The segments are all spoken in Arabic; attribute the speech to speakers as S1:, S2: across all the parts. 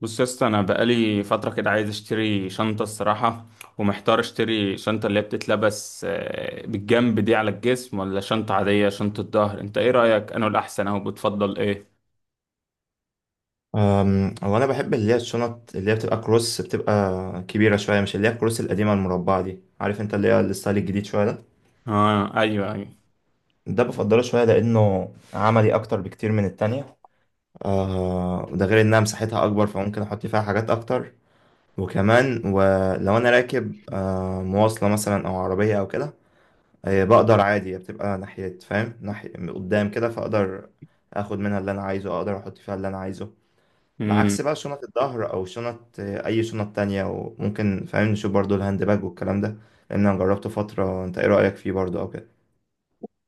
S1: بص يا اسطى، انا بقالي فتره كده عايز اشتري شنطه الصراحه. ومحتار اشتري شنطه اللي هي بتتلبس بالجنب دي على الجسم، ولا شنطه عاديه شنطه ظهر. انت ايه رايك انا الاحسن او بتفضل ايه؟
S2: هو انا بحب اللي هي الشنط اللي هي بتبقى كروس بتبقى كبيره شويه، مش اللي هي الكروس القديمه المربعه دي، عارف؟ انت اللي هي الستايل الجديد شويه ده.
S1: اه، ايوه ايوه.
S2: ده بفضله شويه لانه عملي اكتر بكتير من التانية. ده غير انها مساحتها اكبر، فممكن احط فيها حاجات اكتر. وكمان ولو انا راكب مواصله مثلا او عربيه او كده، بقدر عادي بتبقى ناحيه، فاهم؟ ناحيه قدام كده، فاقدر اخد منها اللي انا عايزه، اقدر احط فيها اللي انا عايزه.
S1: امم
S2: بعكس بقى شنط الظهر او شنط اي شنط تانية. وممكن فاهم نشوف برضو الهاند باج والكلام ده، لان انا جربته فترة. انت ايه رأيك فيه برضو او كده؟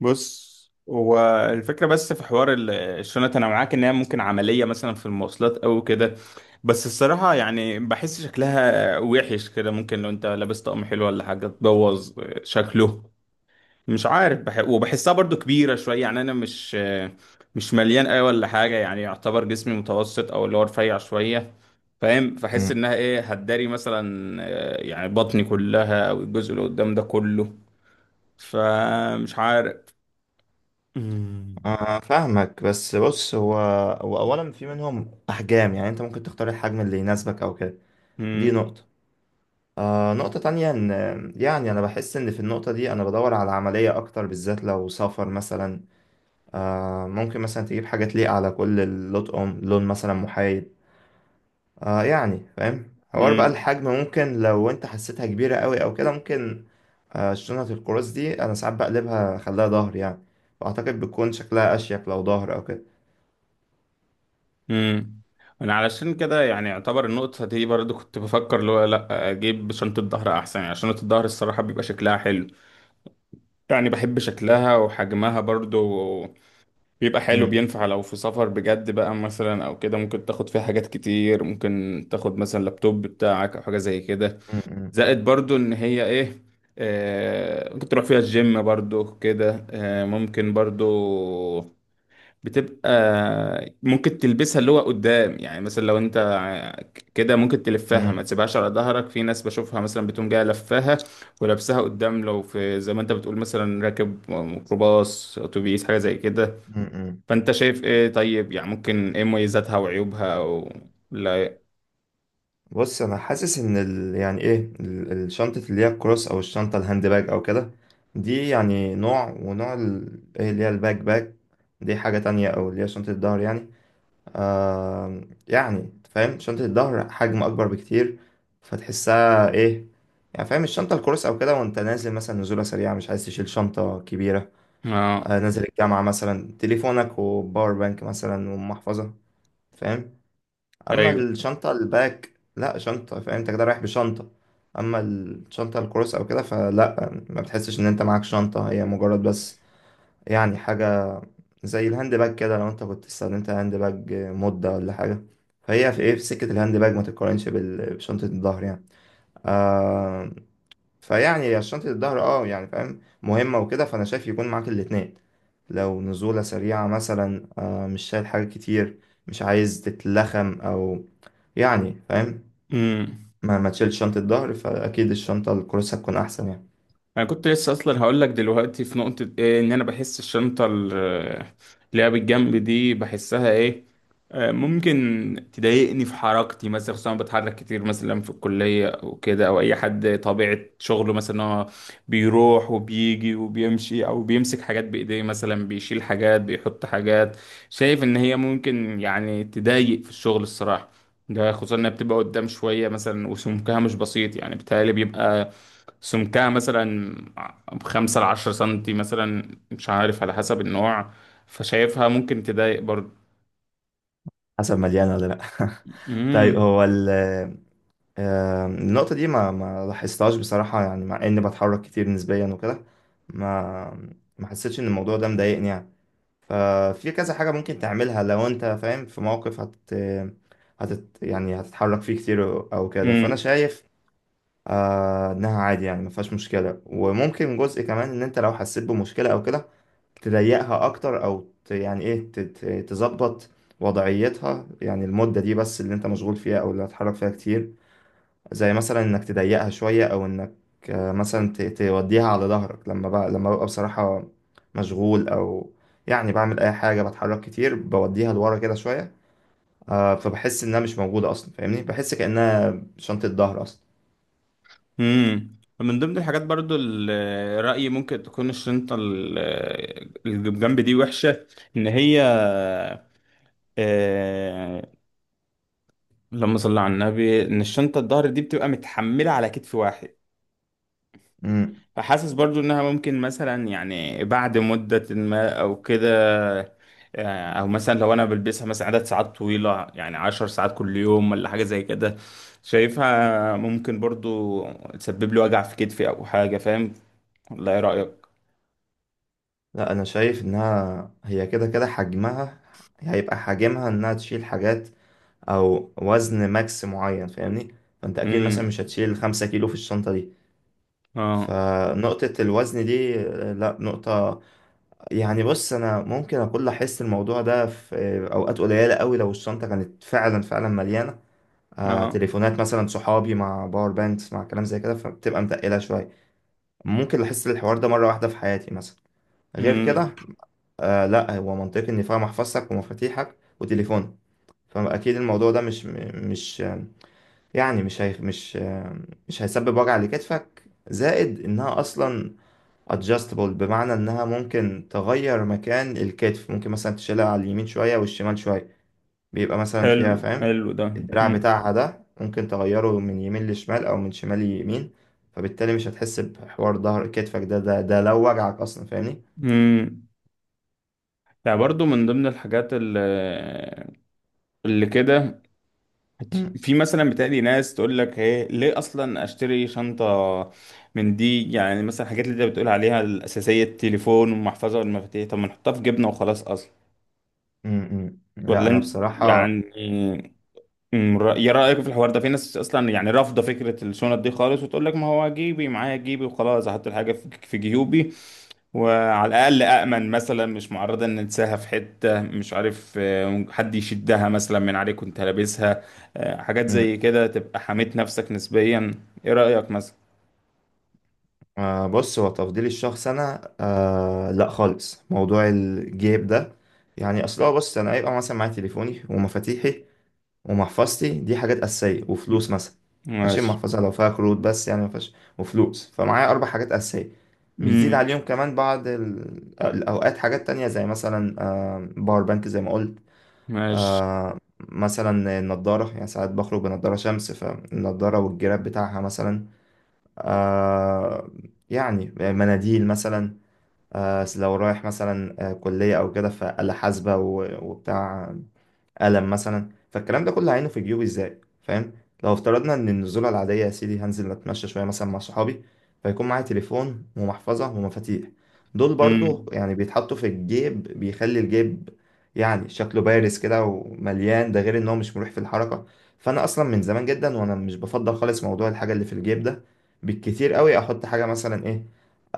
S1: بص هو، الفكره بس في حوار الشنط انا معاك ان هي ممكن عمليه مثلا في المواصلات او كده. بس الصراحه يعني بحس شكلها وحش كده، ممكن لو انت لابس طقم حلو ولا حاجه تبوظ شكله. مش عارف وبحسها برضو كبيرة شوية، يعني أنا مش مليان أوي ولا حاجة. يعني يعتبر جسمي متوسط أو اللي هو رفيع شوية، فاهم؟ فحس
S2: امم.
S1: إنها إيه هتداري مثلا يعني بطني كلها أو الجزء اللي قدام ده كله. فمش عارف. مم.
S2: فاهمك، بس بص، هو اولا في منهم احجام، يعني انت ممكن تختار الحجم اللي يناسبك او كده. دي
S1: مم.
S2: نقطة. نقطة تانية ان يعني انا بحس ان في النقطة دي انا بدور على عملية اكتر، بالذات لو سفر مثلا. ممكن مثلا تجيب حاجة تليق على كل اللطقم، لون مثلا محايد. يعني فاهم حوار بقى
S1: مم.
S2: الحجم، ممكن لو انت حسيتها كبيرة قوي او كده ممكن. شنطة القراص دي انا ساعات بقلبها اخليها ظهر يعني، فاعتقد بتكون شكلها اشيك لو ظهر او كده.
S1: مم. أنا علشان كده يعني يعتبر النقطة دي برضو كنت بفكر اللي هو لأ، أجيب شنطة ظهر أحسن. يعني شنطة الظهر الصراحة بيبقى شكلها حلو، يعني بحب شكلها وحجمها برضو. بيبقى حلو،
S2: أمم،
S1: بينفع لو في سفر بجد بقى مثلا او كده، ممكن تاخد فيها حاجات كتير، ممكن تاخد مثلا لابتوب بتاعك او حاجه زي كده.
S2: أمم، أمم،
S1: زائد برضو ان هي ايه، آه ممكن تروح فيها الجيم برضو كده، آه ممكن برضو بتبقى ممكن تلبسها اللي هو قدام. يعني مثلا لو انت كده ممكن تلفها ما
S2: أمم.
S1: تسيبهاش على ظهرك، في ناس بشوفها مثلا بتقوم جايه لفاها ولابسها قدام لو في زي ما انت بتقول مثلا راكب ميكروباص اتوبيس حاجه زي كده.
S2: امم، امم.
S1: فانت شايف ايه طيب؟ يعني ممكن ايه مميزاتها وعيوبها، او لا.
S2: بص، انا حاسس ان ال... يعني ايه ال- الشنطة اللي هي الكروس او الشنطة الهاند باج او كده، دي يعني نوع، ونوع ال... ايه اللي هي الباك باك دي، حاجة تانية، او اللي هي شنطة الظهر يعني. آه يعني فاهم شنطة الظهر حجم أكبر بكتير، فتحسها إيه؟ يعني فاهم الشنطة الكروس أو كده، وأنت نازل مثلا نزولة سريعة، مش عايز تشيل شنطة كبيرة،
S1: اه،
S2: نازل الجامعة مثلا، تليفونك وباور بانك مثلا ومحفظة، فاهم؟ أما
S1: ايوه.
S2: الشنطة الباك، لأ، شنطة، فاهم أنت كده رايح بشنطة. أما الشنطة الكروس أو كده فلأ، ما بتحسش إن أنت معاك شنطة، هي مجرد بس يعني حاجة. زي الهاند باج كده، لو انت كنت استخدمت هاند باج مدة ولا حاجة، فهي في ايه، في سكة الهاند باج، ما تتقارنش بشنطة الظهر يعني. آه فيعني شنطة الظهر اه يعني فاهم مهمة وكده، فانا شايف يكون معاك الاتنين. لو نزولة سريعة مثلا، مش شايل حاجة كتير، مش عايز تتلخم او يعني فاهم،
S1: امم
S2: ما تشيلش شنطة ظهر، فاكيد الشنطة الكروسة تكون احسن يعني.
S1: انا كنت لسه اصلا هقول لك دلوقتي في نقطة ايه، ان انا بحس الشنطة اللي هي بالجنب دي بحسها ايه، ممكن تضايقني في حركتي مثلا. خصوصا أنا بتحرك كتير مثلا في الكلية او كده، او اي حد طبيعة شغله مثلا هو بيروح وبيجي وبيمشي او بيمسك حاجات بايديه، مثلا بيشيل حاجات بيحط حاجات. شايف ان هي ممكن يعني تضايق في الشغل الصراحة، ده خصوصا انها بتبقى قدام شوية مثلا وسمكها مش بسيط. يعني بيتهيألي بيبقى سمكها مثلا ب5 لـ10 سنتي مثلا، مش عارف على حسب النوع. فشايفها ممكن تضايق برضو.
S2: حسب مليانة ولا لا. طيب،
S1: مم.
S2: هو ال النقطة دي ما لاحظتهاش بصراحة، يعني مع إني بتحرك كتير نسبيا وكده، ما حسيتش إن الموضوع ده مضايقني يعني. ففي كذا حاجة ممكن تعملها لو أنت فاهم في موقف هت هتت يعني هتتحرك فيه كتير أو كده، فأنا
S1: مم.
S2: شايف إنها عادي، يعني ما فيهاش مشكلة. وممكن جزء كمان إن أنت لو حسيت بمشكلة أو كده تضيقها أكتر، أو يعني إيه، تظبط وضعيتها، يعني المدة دي بس اللي أنت مشغول فيها أو اللي هتحرك فيها كتير. زي مثلا انك تضيقها شوية، او انك مثلا توديها على ظهرك، لما بقى، لما ببقى بصراحة مشغول او يعني بعمل اي حاجة بتحرك كتير، بوديها لورا كده شوية. فبحس انها مش موجودة اصلا، فاهمني؟ بحس كأنها شنطة ظهر اصلا.
S1: مم. من ضمن الحاجات برضو، رأيي ممكن تكون الشنطة اللي جنب دي وحشة، إن هي آه، اللهم صل على النبي، إن الشنطة الظهر دي بتبقى متحملة على كتف واحد.
S2: مم.
S1: فحاسس برضو انها ممكن مثلا، يعني بعد مدة ما او كده، او مثلا لو انا بلبسها مثلا عدد ساعات طويلة، يعني 10 ساعات كل يوم ولا حاجة زي كده، شايفها ممكن برضو تسبب لي وجع في كتفي او حاجة، فاهم؟ ولا ايه رأيك؟
S2: لا، انا شايف انها هي كده كده حجمها، هيبقى حجمها انها تشيل حاجات او وزن ماكس معين، فاهمني؟ فانت اكيد مثلا
S1: امم.
S2: مش هتشيل 5 كيلو في الشنطة دي.
S1: اه،
S2: فنقطة الوزن دي لا، نقطة يعني، بص، انا ممكن اقول احس الموضوع ده في اوقات قليله قوي، لو الشنطه كانت فعلا مليانه.
S1: اه.
S2: تليفونات مثلا صحابي مع باور بانكس مع كلام زي كده، فبتبقى متقله شويه. ممكن احس الحوار ده مره واحده في حياتي مثلا، غير
S1: امم.
S2: كده. لا هو منطقي ان فيها محفظتك ومفاتيحك وتليفونك، فاكيد الموضوع ده مش مش يعني مش هي مش مش هيسبب وجع لكتفك. زائد انها اصلا adjustable، بمعنى انها ممكن تغير مكان الكتف، ممكن مثلا تشيلها على اليمين شوية والشمال شوية، بيبقى مثلا
S1: حلو،
S2: فيها فاهم،
S1: حلو ده.
S2: الدراع
S1: امم،
S2: بتاعها ده ممكن تغيره من يمين لشمال او من شمال ليمين. فبالتالي مش هتحس بحوار ظهر كتفك ده لو وجعك اصلا، فاهمني؟
S1: امم. يعني برضو من ضمن الحاجات اللي كده،
S2: مم.
S1: في مثلا بتقلي ناس تقول لك ايه ليه اصلا اشتري شنطه من دي؟ يعني مثلا الحاجات اللي انت بتقول عليها الاساسيه، التليفون والمحفظه والمفاتيح، طب ما نحطها في جبنه وخلاص اصلا؟
S2: مم. مم. لا
S1: ولا
S2: انا
S1: انت
S2: بصراحة،
S1: يعني. يا رايك في الحوار ده، في ناس اصلا يعني رافضه فكره الشنط دي خالص وتقول لك ما هو جيبي معايا، جيبي وخلاص، احط الحاجه في جيوبي، وعلى الأقل أأمن مثلا، مش معرضة إن تساها في حتة، مش عارف، حد يشدها مثلا من عليك وأنت لابسها. حاجات زي
S2: مم.
S1: كده تبقى حميت نفسك نسبيا، إيه رأيك مثلا؟
S2: بص هو تفضيلي الشخص انا، لا خالص، موضوع الجيب ده يعني اصلا، بص انا هيبقى مثلا معايا تليفوني ومفاتيحي ومحفظتي، دي حاجات أساسية، وفلوس مثلا. ماشي،
S1: ماشي.
S2: المحفظة لو فيها كروت بس يعني مفيهاش وفلوس، فمعايا أربع حاجات أساسية، بيزيد
S1: امم.
S2: عليهم كمان بعض الأوقات حاجات تانية، زي مثلا باور بانك زي ما قلت.
S1: ماشي.
S2: مثلا النضارة، يعني ساعات بخرج بنضارة شمس، فالنضارة والجراب بتاعها مثلا. آه، يعني مناديل مثلا. لو رايح مثلا كلية أو كده، فآلة حاسبة وبتاع ألم مثلا. فالكلام ده كله هينه في جيوبي ازاي، فاهم؟ لو افترضنا ان النزولة العادية يا سيدي، هنزل اتمشى شوية مثلا مع صحابي، فيكون معايا تليفون ومحفظة ومفاتيح، دول برضو
S1: امم.
S2: يعني بيتحطوا في الجيب، بيخلي الجيب يعني شكله بارز كده ومليان، ده غير ان هو مش مريح في الحركة. فانا اصلا من زمان جدا وانا مش بفضل خالص موضوع الحاجة اللي في الجيب ده. بالكتير قوي احط حاجة مثلا ايه،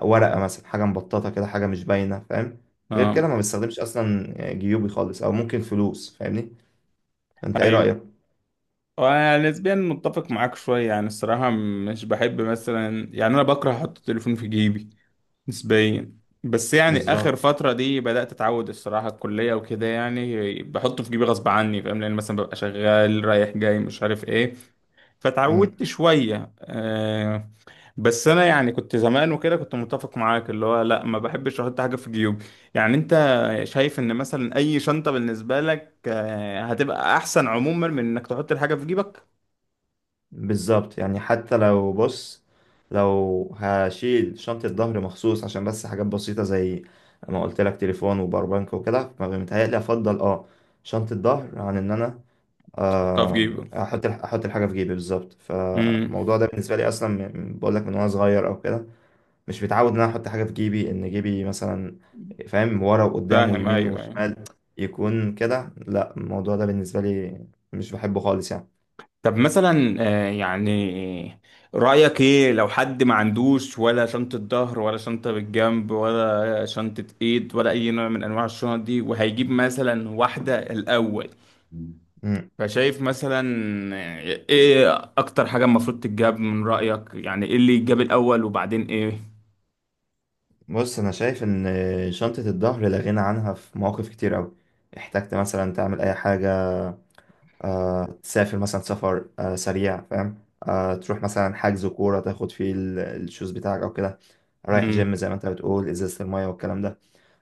S2: ورقة مثلا، حاجة مبططة كده، حاجة مش باينة، فاهم؟ غير
S1: آه.
S2: كده ما بستخدمش اصلا جيوبي خالص، او ممكن فلوس، فاهمني؟ انت ايه
S1: أيوه،
S2: رأيك؟
S1: أنا نسبيا متفق معاك شوية. يعني الصراحة مش بحب مثلا، يعني أنا بكره أحط التليفون في جيبي نسبيا. بس يعني
S2: بالظبط.
S1: اخر فتره دي بدات اتعود الصراحه الكليه وكده، يعني بحطه في جيبي غصب عني، فاهم؟ لان مثلا ببقى شغال رايح جاي، مش عارف ايه، فتعودت
S2: مم.
S1: شويه. بس انا يعني كنت زمان وكده كنت متفق معاك اللي هو لا، ما بحبش احط حاجه في جيوبي. يعني انت شايف ان مثلا اي شنطه بالنسبه لك هتبقى احسن عموما من انك تحط الحاجه في جيبك؟
S2: بالظبط، يعني حتى لو بص، لو هشيل شنطة ظهر مخصوص عشان بس حاجات بسيطة، زي ما قلت لك تليفون وباور بانك وكده، فمتهيألي افضل اه شنطة ظهر عن ان انا
S1: تحطها في
S2: آم،
S1: جيبك.
S2: احط احط الحاجة في جيبي بالظبط.
S1: امم.
S2: فالموضوع ده بالنسبة لي اصلا بقول لك من وانا صغير او كده، مش متعود ان انا احط حاجة في جيبي، ان جيبي مثلا فاهم ورا وقدام
S1: فاهم،
S2: ويمين
S1: ايوه ايوه.
S2: وشمال يكون كده، لا، الموضوع ده بالنسبة لي مش بحبه خالص يعني.
S1: طب مثلا، يعني رأيك ايه لو حد ما عندوش ولا شنطة ظهر ولا شنطة بالجنب ولا شنطة ايد ولا اي نوع من انواع الشنط دي، وهيجيب مثلا واحدة الاول،
S2: مم.
S1: فشايف مثلا ايه اكتر حاجة المفروض تتجاب من رأيك؟ يعني ايه اللي يتجاب الاول وبعدين؟
S2: بص انا شايف ان شنطة الظهر لا غنى عنها في مواقف كتير قوي. احتجت مثلا تعمل اي حاجة، تسافر مثلا سفر سريع، فاهم؟ تروح مثلا حجز كورة تاخد فيه الشوز بتاعك او كده، رايح
S1: ايه.
S2: جيم زي ما انت بتقول، ازازة المية والكلام ده.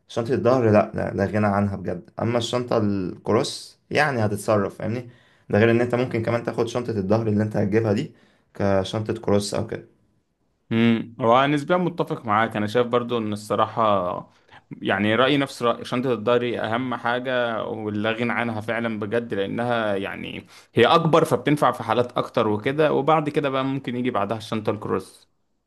S2: شنطة الظهر لا غنى عنها بجد. اما الشنطة الكروس يعني هتتصرف، فاهمني؟ ده غير ان انت ممكن كمان تاخد شنطة الظهر اللي انت هتجيبها دي كشنطة كروس او كده.
S1: هو نسبيا متفق معاك، انا شايف برضو ان الصراحه يعني رايي نفس راي، شنطه الضهري اهم حاجه ولا غنى عنها فعلا بجد. لانها يعني هي اكبر، فبتنفع في حالات اكتر وكده، وبعد كده بقى ممكن يجي بعدها الشنطه الكروس.